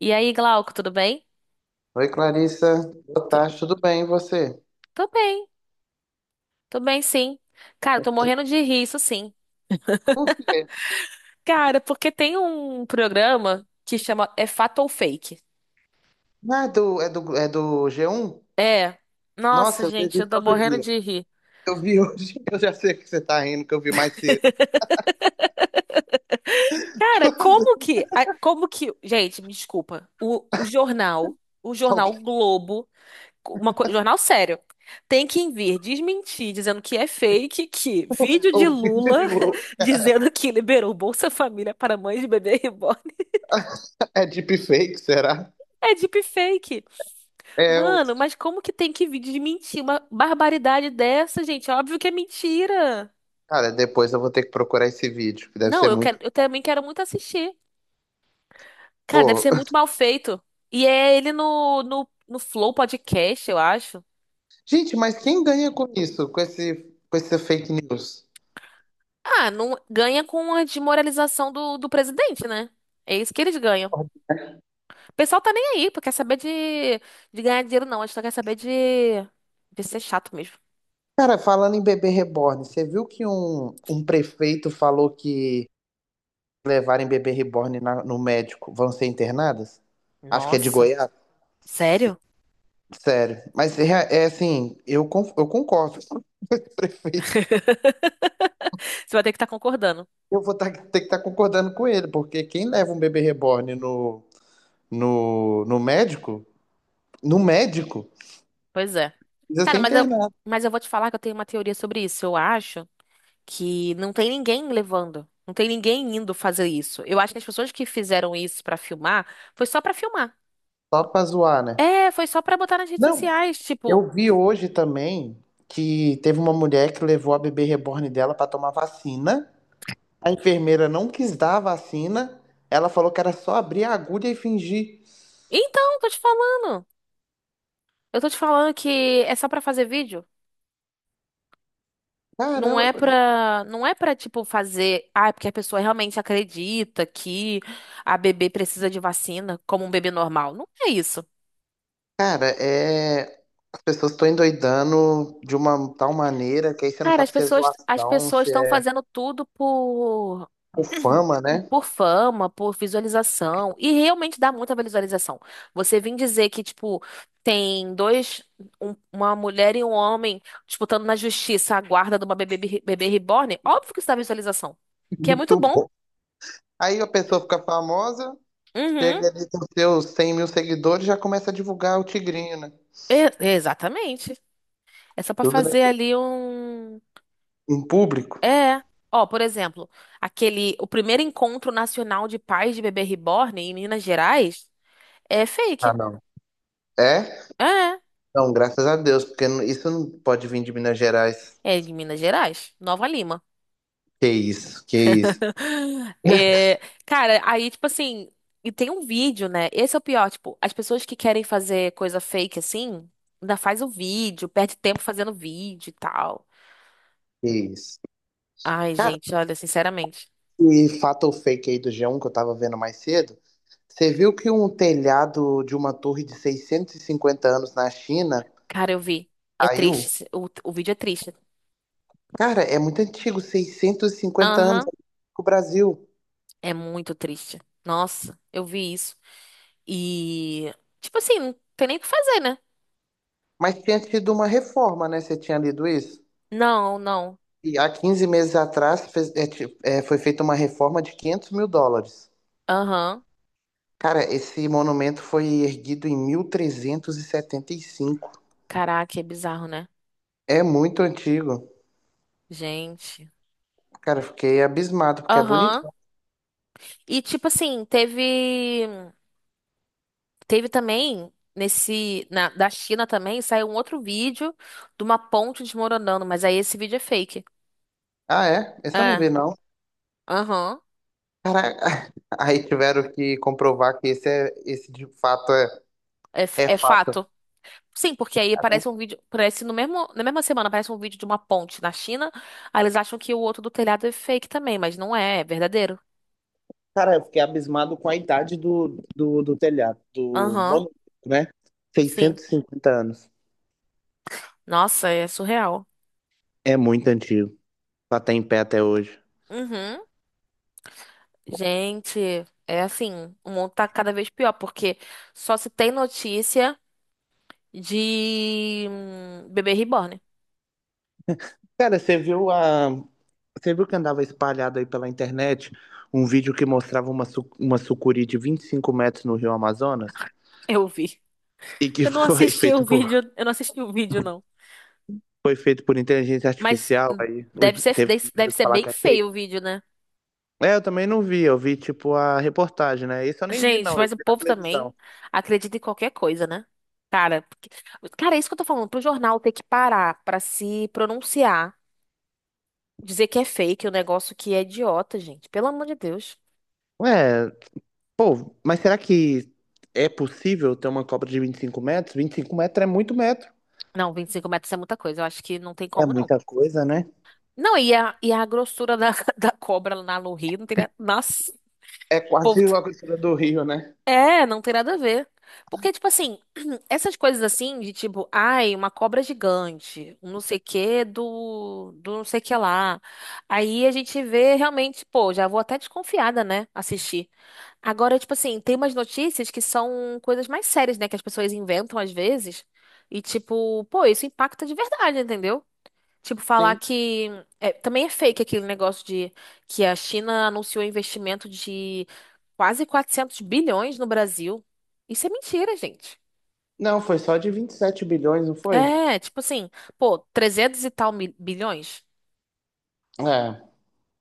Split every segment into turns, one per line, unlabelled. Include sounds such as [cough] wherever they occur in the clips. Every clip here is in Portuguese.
E aí, Glauco, tudo bem?
Oi, Clarissa. Boa tarde, tudo bem, e você?
Tô bem, tô bem sim. Cara, tô morrendo de rir, isso sim.
Por quê?
Cara, porque tem um programa que chama É Fato ou Fake?
Ah, é do G1?
É. Nossa,
Nossa, eu vejo
gente, eu
isso
tô
todo
morrendo
dia.
de rir.
Eu vi hoje, [laughs] eu já sei que você tá rindo, que eu vi mais cedo.
Cara, como que, gente, me desculpa, o jornal, o jornal
Alguém
Globo, jornal sério, tem que vir desmentir, dizendo que é fake, que
tá
vídeo de
ouvindo de
Lula
novo.
[laughs] dizendo que liberou Bolsa Família para mães de bebê reborn
É deepfake, será?
é deepfake.
É, eu.
Mano, mas como que tem que vir de mentir uma barbaridade dessa, gente? É óbvio que é mentira.
Cara, depois eu vou ter que procurar esse vídeo, que deve
Não,
ser
eu quero,
muito.
eu
[laughs]
também quero muito assistir. Cara, deve
Pô.
ser muito mal feito. E é ele no, no Flow Podcast, eu acho.
Gente, mas quem ganha com isso? Com essa fake news?
Ah, não ganha com a desmoralização do presidente, né? É isso que eles ganham. O pessoal tá nem aí, porque quer saber de ganhar dinheiro, não. A gente só quer saber de ser chato mesmo.
Cara, falando em bebê reborn, você viu que um prefeito falou que levarem bebê reborn no médico vão ser internadas? Acho que é de
Nossa,
Goiás.
sério?
Sério. Mas é assim, eu concordo com o [laughs] prefeito.
[laughs] Você vai ter que estar concordando.
Eu vou ter que estar concordando com ele, porque quem leva um bebê reborn no, no médico, no médico,
Pois é.
precisa ser
Cara, mas eu,
internado,
mas eu vou te falar que eu tenho uma teoria sobre isso. Eu acho que não tem ninguém levando. Não tem ninguém indo fazer isso. Eu acho que as pessoas que fizeram isso pra filmar foi só pra filmar.
só pra zoar, né?
É, foi só pra botar nas redes
Não,
sociais. Tipo,
eu vi hoje também que teve uma mulher que levou a bebê reborn dela pra tomar vacina. A enfermeira não quis dar a vacina. Ela falou que era só abrir a agulha e fingir.
então, tô te falando. Eu tô te falando que é só pra fazer vídeo. Não
Caramba,
é pra, não é pra, tipo, fazer. Ah, é porque a pessoa realmente acredita que a bebê precisa de vacina como um bebê normal. Não é isso.
cara, é. As pessoas estão endoidando de uma tal maneira que aí você não
Cara, as
sabe se é
pessoas, as
zoação,
pessoas
se
estão
é
fazendo tudo por
por fama,
[clears throat]
né?
por fama, por visualização, e realmente dá muita visualização. Você vem dizer que, tipo, tem dois, uma mulher e um homem disputando na justiça a guarda de uma bebê, bebê reborn, óbvio que isso dá visualização,
[laughs]
que é muito
Muito
bom.
bom. Aí a pessoa fica famosa,
Uhum,
chega ali com seus 100 mil seguidores e já começa a divulgar o tigrinho, né?
Exatamente. É só pra
Tudo, né?
fazer ali um.
Em público.
É. Ó, por exemplo, aquele, o primeiro encontro nacional de pais de bebê reborn em Minas Gerais. É
Ah,
fake.
não. É?
É.
Não, graças a Deus, porque isso não pode vir de Minas Gerais.
É de Minas Gerais, Nova Lima.
Que isso,
[laughs]
[laughs]
É, cara, aí, tipo assim, e tem um vídeo, né? Esse é o pior, tipo, as pessoas que querem fazer coisa fake assim, ainda faz o vídeo, perde tempo fazendo vídeo e tal.
que isso.
Ai,
Cara,
gente, olha, sinceramente.
e fato ou fake aí do G1 que eu tava vendo mais cedo. Você viu que um telhado de uma torre de 650 anos na China
Cara, eu vi. É
caiu?
triste. O vídeo é triste.
Cara, é muito antigo, 650 anos
Aham,
o Brasil.
é muito triste. Nossa, eu vi isso. E, tipo assim, não tem nem o que fazer, né?
Mas tinha tido uma reforma, né? Você tinha lido isso?
Não, não.
E há 15 meses atrás foi feita uma reforma de 500 mil dólares.
Aham.
Cara, esse monumento foi erguido em mil trezentos e setenta e cinco.
Caraca, é bizarro, né?
É muito antigo.
Gente.
Cara, eu fiquei abismado, porque é bonito.
Aham. E tipo assim, teve também nesse na da China também saiu um outro vídeo de uma ponte desmoronando, mas aí esse vídeo é fake.
Ah, é? Esse eu não
É.
vi, não.
Aham.
Cara, [laughs] aí tiveram que comprovar que esse de fato é,
É,
é
é
fato.
fato. Sim, porque aí parece um vídeo, parece no mesmo, na mesma semana aparece um vídeo de uma ponte na China, aí eles acham que o outro do telhado é fake também, mas não é, é verdadeiro.
Cara, eu fiquei abismado com a idade do telhado, do
Aham.
monumento, né?
Sim.
Seiscentos e cinquenta anos.
Nossa, é surreal.
É muito antigo, pra estar em pé até hoje.
Uhum. Gente, é assim, o mundo tá cada vez pior, porque só se tem notícia de bebê reborn. [laughs]
Cara, você viu que andava espalhado aí pela internet um vídeo que mostrava uma sucuri de 25 metros no Rio Amazonas
Eu vi.
e que [laughs]
Eu não
foi
assisti o
feito
vídeo,
por,
eu não assisti o vídeo, não.
foi feito por inteligência
Mas
artificial, aí
deve
hoje
ser,
teve
deve
primeiro
deve
que
ser
falar
bem
que é.
feio o vídeo, né?
É, eu também não vi, eu vi tipo a reportagem, né? Isso eu nem li,
Gente,
não, eu
mas o
vi na
povo
televisão.
também acredita em qualquer coisa, né? Cara, cara, é isso que eu tô falando. Pro jornal ter que parar pra se pronunciar, dizer que é fake, o negócio que é idiota, gente. Pelo amor de Deus.
Ué, pô, mas será que é possível ter uma Copa de 25 metros? 25 metros é muito metro.
Não, 25 metros é muita coisa. Eu acho que não tem
É
como, não.
muita coisa, né?
Não, e a, grossura da, [laughs] da cobra lá no Rio não teria. Nossa, o
É
povo.
quase a grossura do Rio, né?
É, não tem nada a ver. Porque, tipo assim, [clears throat] essas coisas assim, de tipo, ai, uma cobra gigante, um não sei o quê do não sei o que lá. Aí a gente vê realmente, pô, já vou até desconfiada, né? Assistir. Agora, tipo assim, tem umas notícias que são coisas mais sérias, né? Que as pessoas inventam às vezes. E, tipo, pô, isso impacta de verdade, entendeu? Tipo, falar
Sim.
que. É, também é fake aquele negócio de que a China anunciou investimento de quase 400 bilhões no Brasil. Isso é mentira, gente.
Não, foi só de 27 bilhões, não foi?
É, tipo assim, pô, 300 e tal bilhões?
É.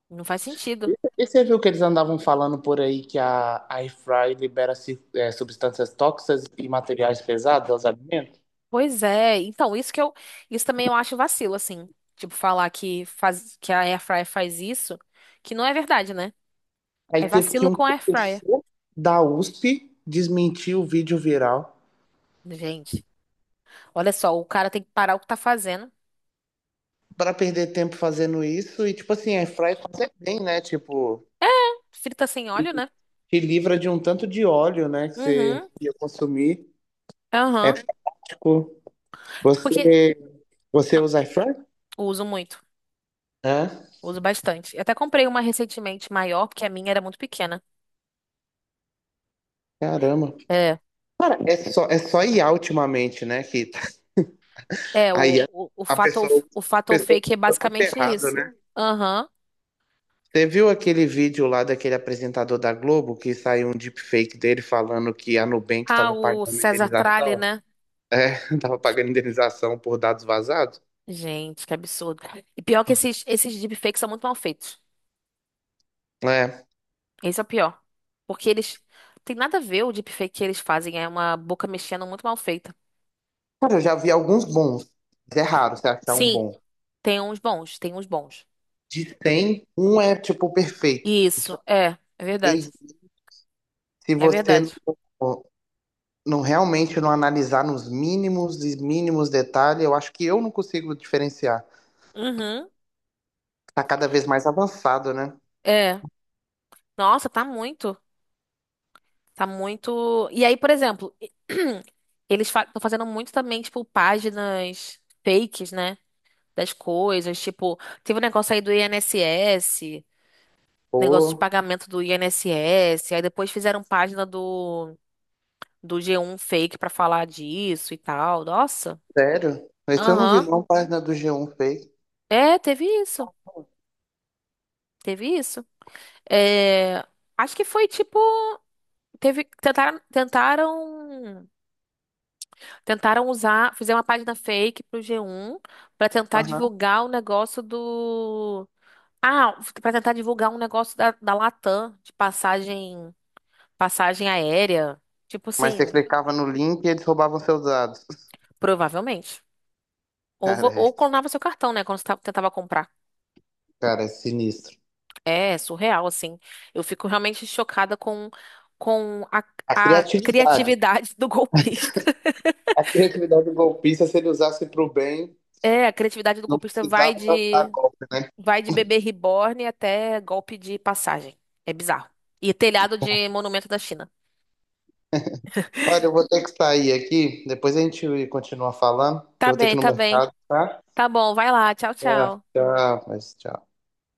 Não faz sentido.
E você viu que eles andavam falando por aí que a Air Fry libera substâncias tóxicas e materiais pesados aos alimentos?
Pois é, então isso que eu, isso também eu acho vacilo, assim, tipo falar que faz, que a Airfryer faz isso, que não é verdade, né?
Aí
É
teve que
vacilo
um
com a Airfryer.
professor da USP desmentir o vídeo viral
Gente, olha só, o cara tem que parar o que tá fazendo.
para perder tempo fazendo isso. E, tipo assim, Air Fry faz é bem, né? Tipo,
É, frita sem óleo, né?
te livra de um tanto de óleo, né? Que você
Uhum.
ia consumir. É
Aham.
prático.
Porque
Você, você
ah,
usa Air Fry?
uso muito,
É.
uso bastante. Eu até comprei uma recentemente maior, porque a minha era muito pequena.
Caramba.
É.
Cara, é só IA ultimamente, né? Que
É,
Aí
o,
a
o, o
a
fato ou-
pessoa, a
o fato ou
pessoa
fake é
usa muito
basicamente
errado,
isso.
né?
Aham.
Você viu aquele vídeo lá daquele apresentador da Globo que saiu um deepfake dele falando que a Nubank
Ah,
estava
o
pagando
César Tralli,
indenização?
né?
É, [laughs] tava pagando indenização por dados vazados?
Gente, que absurdo. E pior que esses deepfakes são muito mal feitos.
É.
Esse é o pior. Porque eles. Tem nada a ver o deepfake que eles fazem. É uma boca mexendo muito mal feita.
Cara, eu já vi alguns bons, mas é raro você achar um
Sim,
bom.
tem uns bons, tem uns bons.
De 100, um é tipo perfeito. E, tipo,
Isso, é. É verdade.
ninguém- se
É
você
verdade.
não realmente não analisar nos mínimos e mínimos detalhes, eu acho que eu não consigo diferenciar.
Uhum.
Tá cada vez mais avançado, né?
É. Nossa, tá muito. Tá muito. E aí, por exemplo, [clears throat] eles estão fazendo muito também, tipo, páginas fakes, né? Das coisas. Tipo, teve um negócio aí do INSS, negócio de
Pô,
pagamento do INSS. Aí depois fizeram página do G1 fake pra falar disso e tal. Nossa.
sério? Esse eu não vi,
Aham.
não, página do G1 fez.
É, teve isso. Teve isso. É, acho que foi tipo. Teve, tentaram. Tentaram usar, fizeram uma página fake pro G1 pra tentar
Aham.
divulgar o negócio do. Ah, pra tentar divulgar um negócio da, Latam, de passagem aérea. Tipo
Mas você
assim,
clicava no link e eles roubavam seus dados. [laughs]
provavelmente. Ou,
Cara,
vo-
é,
ou clonava seu cartão, né? Quando você tentava comprar.
cara, é sinistro.
É surreal, assim. Eu fico realmente chocada com a,
A
a
criatividade.
criatividade do golpista. [laughs]
A criatividade do golpista, se ele usasse para o bem,
É, a criatividade do
não
golpista vai
precisava dar
de
golpe, né?
Bebê reborn até golpe de passagem. É bizarro. E telhado de monumento da China.
Olha, eu vou ter que sair aqui, depois a gente continua falando, que
Tá
eu vou ter que
bem,
ir no
tá bem.
mercado, tá?
Tá bom, vai lá. Tchau,
Tchau,
tchau.
tchau, mas tchau.